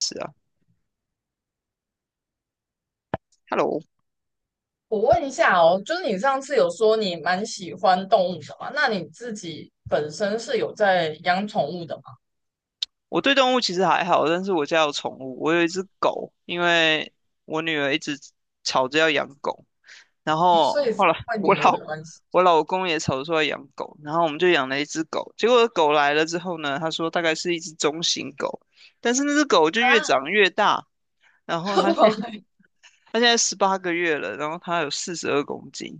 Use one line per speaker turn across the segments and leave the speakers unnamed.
是啊，Hello，
我问一下哦，就是你上次有说你蛮喜欢动物的嘛？那你自己本身是有在养宠物的吗？
我对动物其实还好，但是我家有宠物，我有一只狗，因为我女儿一直吵着要养狗，然 后
所以是
后
因
来
为
我
女儿
老
的关系
我老公也吵着说要养狗，然后我们就养了一只狗。结果狗来了之后呢，他说大概是一只中型狗，但是那只狗就越长
啊？
越大，然 后
怎
它现在
么 了？
它现在18个月了，然后它有42公斤，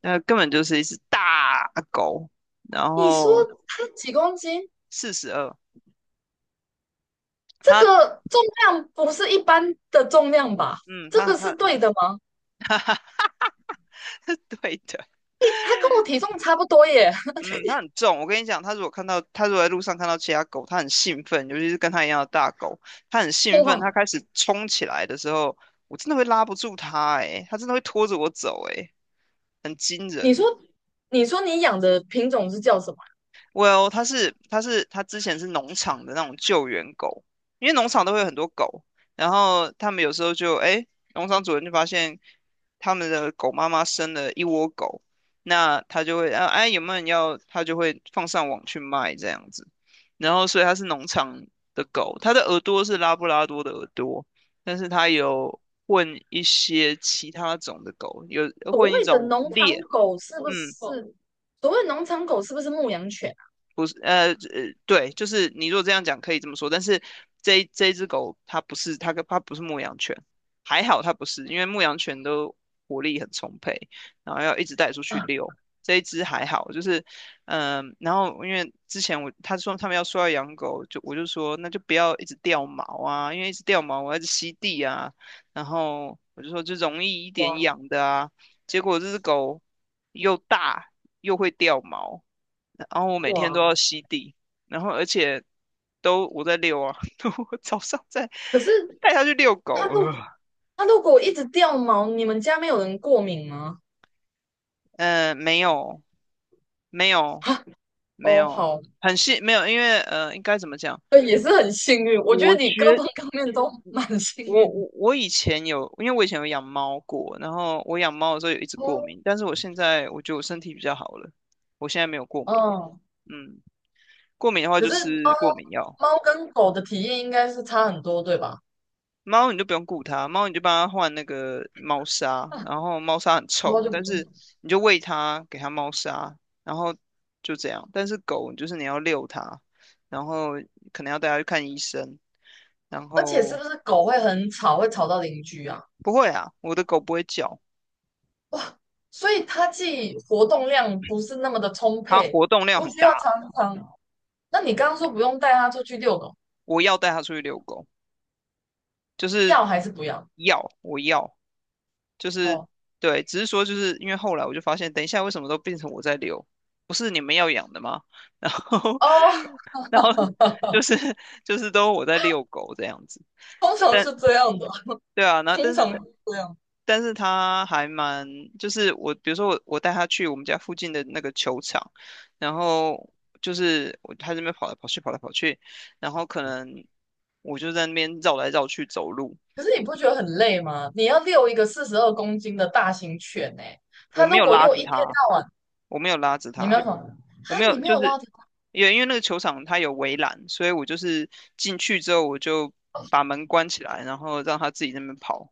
那根本就是一只大狗。然
你说
后
它几公斤？
四十二，
这
它。
个重量不是一般的重量吧？
嗯，
这
它很
个是
它
对的吗？
对的，
诶，它跟我体重差不多耶！
嗯，它很重。我跟你讲，它如果在路上看到其他狗，它很兴奋，尤其是跟它一样的大狗，它很兴 奋。
哇，
它开始冲起来的时候，我真的会拉不住它，诶，它真的会拖着我走，诶，很惊
你
人。
说，你说你养的品种是叫什么？
Well，它之前是农场的那种救援狗，因为农场都会有很多狗，然后他们有时候就诶，农场主人就发现他们的狗妈妈生了一窝狗，那他就会有没有人要，他就会放上网去卖这样子。然后所以它是农场的狗，它的耳朵是拉布拉多的耳朵，但是它有混一些其他种的狗，有
所
混一
谓的
种
农场
猎。
狗是不
嗯。
是？所谓农场狗是不是牧羊犬
不是，对，就是你如果这样讲可以这么说，但是这一只狗它不是牧羊犬，还好它不是，因为牧羊犬都活力很充沛，然后要一直带出去
啊？
遛。这一只还好，就是然后因为之前他说他们要说要养狗，就我就说那就不要一直掉毛啊，因为一直掉毛我要一直吸地啊，然后我就说就容易一点
哇，
养的啊，结果这只狗又大又会掉毛。然后我每天都
哇，
要吸地，然后而且都我在遛啊，我早上在
可是
带它去遛
它
狗。
露它如果一直掉毛，你们家没有人过敏吗？
没有，没有，
啊，
没
哦，
有，
好，
很细，没有，因为应该怎么讲？
对，也是很幸运。我觉得
我
你各
觉
方各面都蛮幸
我
运。
我我以前有，因为我以前有养猫过，然后我养猫的时候有一直过
哦，
敏，但是我现在我觉得我身体比较好了，我现在没有过敏，
嗯，
嗯，过敏的话
可
就
是猫
吃过敏药。
猫跟狗的体验应该是差很多，对吧？
猫你就不用顾它，猫你就帮它换那个猫砂，
啊，
然后猫砂很
猫
臭，
就不
但
用，
是你就喂它，给它猫砂，然后就这样。但是狗就是你要遛它，然后可能要带它去看医生，然
而且是
后
不是狗会很吵，会吵到邻居啊？
不会啊，我的狗不会叫，
哇，所以它既活动量不是那么的充
它
沛，
活动量
不
很
需要
大。
常常。那你刚刚说不用带它出去遛狗，
我要带它出去遛狗，就
要
是
还是不要？
要我要。就是
哦，
对，只是说就是因为后来我就发现，等一下，为什么都变成我在遛，不是你们要养的吗？然后
哦，
然后就是就是都我在遛狗这样子。
通常
但
是这样的。
对啊，那
通
但
常
是
是这样。
但是他还蛮就是，我比如说我带他去我们家附近的那个球场，然后就是他这边跑来跑去跑来跑去，然后可能我就在那边绕来绕去走路。
可是你不觉得很累吗？你要遛一个四十二公斤的大型犬呢、
我
它
没
如
有
果
拉
又
着
一天
他，
到晚，
我没有拉着
你没有
他。
什么啊，
我没
你
有，
没
就
有
是
拉它。
也因为那个球场它有围栏，所以我就是进去之后我就把门关起来，然后让它自己在那边跑，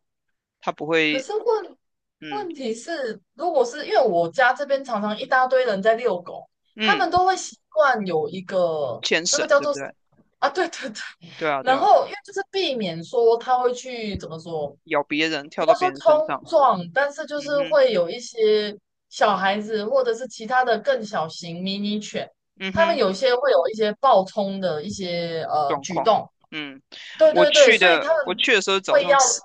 它不
可
会。
是问
嗯
问题是，如果是因为我家这边常常一大堆人在遛狗，他
嗯，
们都会习惯有一个，
牵
那个
绳，
叫
对不
做什么
对？
啊，对对对，
对啊对
然
啊，
后因为就是避免说他会去怎么说，
咬别人，跳
不
到
要
别
说
人身上，
冲撞，但是就
嗯
是
哼
会有一些小孩子或者是其他的更小型迷你犬，
嗯
他们
哼，
有些会有一些暴冲的一些
状
举
况，
动。
嗯。
对对对，所以他
我
们
去的时候
会要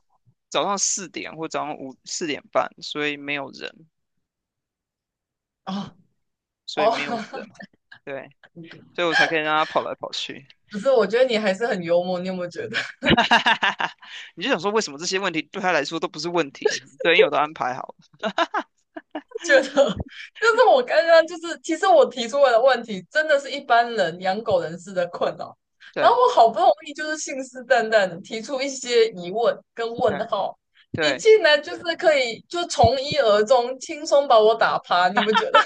早上4点或早上五4点半，所以没有人，
啊
所以
哦。
没有人，对，所以我才可以让他跑来跑去。
可是我觉得你还是很幽默，你有没有觉得？
哈，哈哈哈。你就想说为什么这些问题对他来说都不是问题？对，因为我都安排好了。
觉 得就是我刚刚，就是，其实我提出来的问题，真的是一般人养狗人士的困扰。然
对
后我好不容易就是信誓旦旦的提出一些疑问跟问
对
号，你
对，
竟然就是可以就从一而终，轻松把我打趴。你们觉得？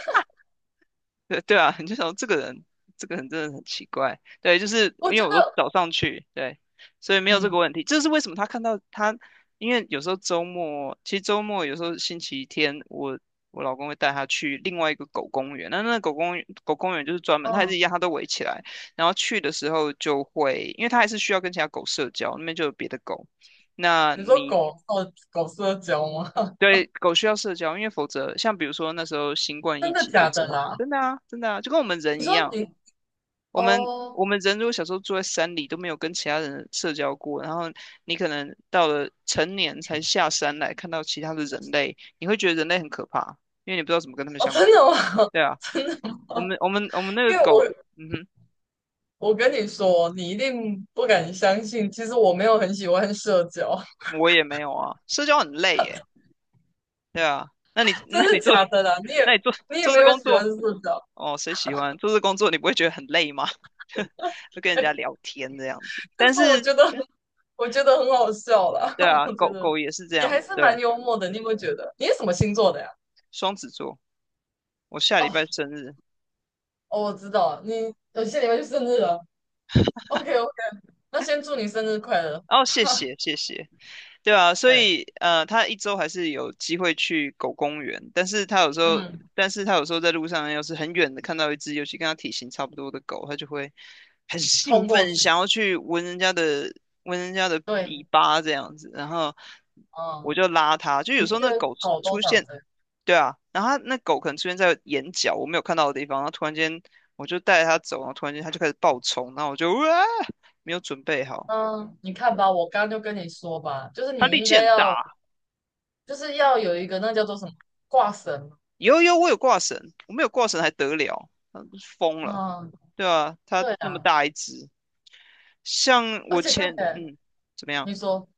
对对啊，你就想说这个人，这个人真的很奇怪。对，就是
我
因
觉
为我都
得，
早上去，对，所以没有这个
嗯
问题。这是为什么他看到他，因为有时候周末，其实周末有时候星期天，我老公会带他去另外一个狗公园。那个狗公园，狗公园就是专门，它还是一
嗯，
样，它都围起来。然后去的时候就会，因为他还是需要跟其他狗社交，那边就有别的狗。那
你说
你
狗哦，狗社交吗？
对，狗需要社交，因为否则像比如说那时候新 冠疫
真的
情的
假的
时候，
啦？
真的啊，真的啊，就跟我们人
你
一
说
样。
你
我们
哦
我们人如果小时候住在山里都没有跟其他人社交过，然后你可能到了成年才下山来看到其他的人类，你会觉得人类很可怕，因为你不知道怎么跟他们
哦，
相
真
处。
的吗？
对啊，
真的，
我们那个
因为
狗，
我
嗯哼，
我跟你说，你一定不敢相信。其实我没有很喜欢社交。
我也没有啊，社交很累耶。对啊，那你 那
真
你
的
做
假的啦？你也
那你做
你也
做
没
这
有
工
喜欢
作。
社交，
哦，谁喜欢做这工作？你不会觉得很累吗？就跟人家
对。
聊天这样子。
但
但
是我
是
觉得我觉得很好笑啦，
对 啊，
我觉
狗
得
狗也是这
也
样，
还是蛮
对。
幽默的。你有没有觉得？你是什么星座的呀？
双子座，我下礼拜
哦，
生日。
哦我知道了，你有些礼拜就生日了。OK OK，那先祝你生日快乐。
哦，谢谢谢谢，对啊。所
对，
以他一周还是有机会去狗公园，
嗯，
但是他有时候在路上，要是很远的看到一只，尤其跟他体型差不多的狗，他就会很兴
冲过
奋，
去。
想要去闻人家的
对，
尾巴这样子。然后我
嗯，
就拉它，就有
你
时
不
候
觉
那
得
狗
狗都
出
长
现。
这样？
对啊，然后它那狗可能出现在眼角我没有看到的地方，然后突然间我就带着它走，然后突然间它就开始暴冲，然后我就哇，没有准备好。
嗯，你看吧，我刚刚就跟你说吧，就是
它
你
力
应
气
该
很大
要。
啊。
就是要有一个那叫做什么，挂绳嘛。
有有，我有挂绳，我没有挂绳还得了？嗯疯了。
嗯，
对啊，他
对
那么
啊，
大一只，像
而
我
且看
前
起来
嗯怎么样？
你说，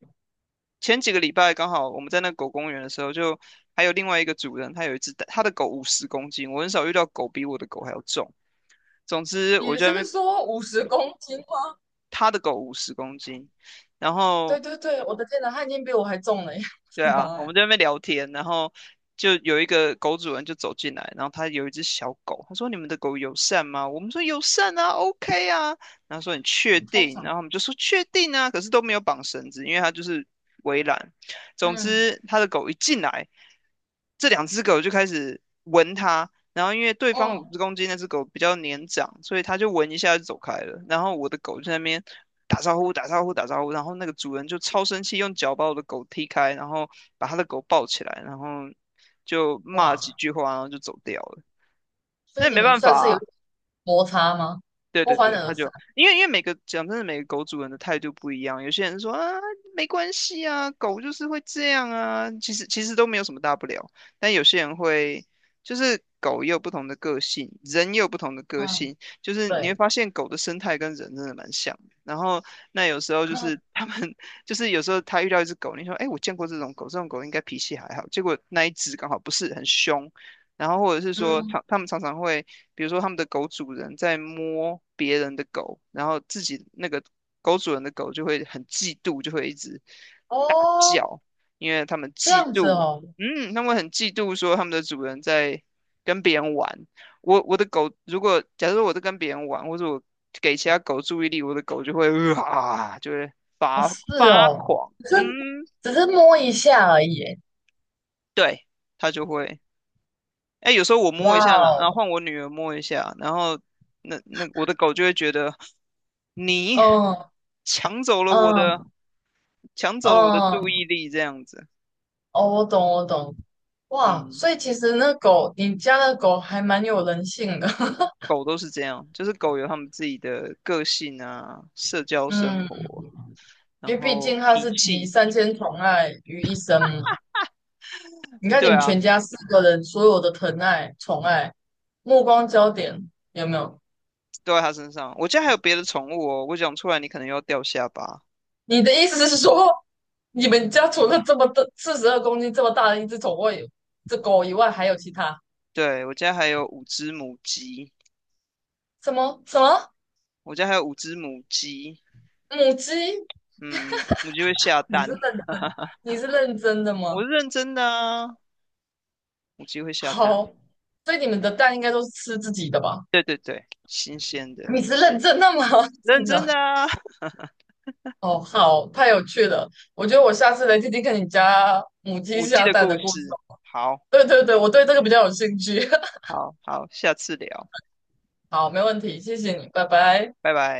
前几个礼拜刚好我们在那个狗公园的时候，就还有另外一个主人，他有一只他的狗五十公斤，我很少遇到狗比我的狗还要重。总之，我
你
就在那
是
边，
说50公斤吗？
他的狗五十公斤，然
对
后
对对，我的天哪，他已经比我还重了耶，
对
是
啊，
吧？
我
哎，
们在那边聊天，然后就有一个狗主人就走进来，然后他有一只小狗，他说：“你们的狗友善吗？”我们说：“友善啊，OK 啊。”然后说：“你确
通
定？”然
常，
后我们就说：“确定啊。”可是都没有绑绳子，因为它就是围栏。总
嗯
之，他的狗一进来，这两只狗就开始闻它。然后因为对方五
嗯，
十公斤那只狗比较年长，所以它就闻一下就走开了。然后我的狗就在那边打招呼、打招呼、打招呼，然后那个主人就超生气，用脚把我的狗踢开，然后把他的狗抱起来，然后就骂几
哇，
句话，然后就走掉了。
所
那也
以你
没
们
办法
算是有
啊，
摩擦吗？
对
不
对
欢
对。他
而
就
散。
因为每个，讲真的，每个狗主人的态度不一样。有些人说啊，没关系啊，狗就是会这样啊，其实都没有什么大不了。但有些人会，就是狗也有不同的个性，人也有不同的个
嗯，
性。就是你会
对。
发现狗的生态跟人真的蛮像的。然后那有时候就是 他们 就是有时候他遇到一只狗，你说哎，我见过这种狗，这种狗应该脾气还好，结果那一只刚好不是很凶。然后或者是说
嗯，
他们常常会，比如说他们的狗主人在摸别人的狗，然后自己那个狗主人的狗就会很嫉妒，就会一直大
哦，
叫，因为他们
这
嫉
样子
妒。
哦，
嗯，他们很嫉妒说他们的主人在跟别人玩。我的狗，如果假如说我在跟别人玩，或者我给其他狗注意力，我的狗就会啊，就会
哦
发
是哦，
狂，
只
嗯，
是只是摸一下而已耶，
对，它就会。哎，有时候我摸一下了，然后
哇
换我女儿摸一下，然后那我的狗就会觉得，你
哦，
抢走了
嗯
我的，
嗯
抢走了我的注
嗯，
意力，这样子。
哦，我懂我懂。哇，
嗯，
所以其实那狗，你家的狗还蛮有人性的。
狗都是这样，就是狗有它们自己的个性啊，社交生
嗯，
活，然
因为毕
后
竟它
脾
是集
气，
三千宠爱于一身嘛。你看你
对
们
啊，
全家四个人所有的疼爱、宠爱、目光焦点，有没有？
都在它身上。我家还有别的宠物哦，我讲出来你可能又要掉下巴。
你的意思是说，你们家除了这么的四十二公斤这么大的一只宠物以，这狗以外，还有其他
对，我家还有五只母鸡，
什么什么
我家还有五只母鸡。
母鸡？
嗯，母鸡会下
你
蛋。
是认真，你是认真的
我
吗？
是认真的啊，母鸡会下蛋。
好，所以你们的蛋应该都是吃自己的吧？
对对对，新鲜的，
你是认真的吗？
认
真
真
的，
的啊。
哦，好，太有趣了。我觉得我下次来听听看你家母鸡
母鸡
下
的
蛋
故
的故事
事。
哦。
好，
对对对，我对这个比较有兴趣。
好，好，下次聊，
好，没问题，谢谢你，拜拜。
拜拜。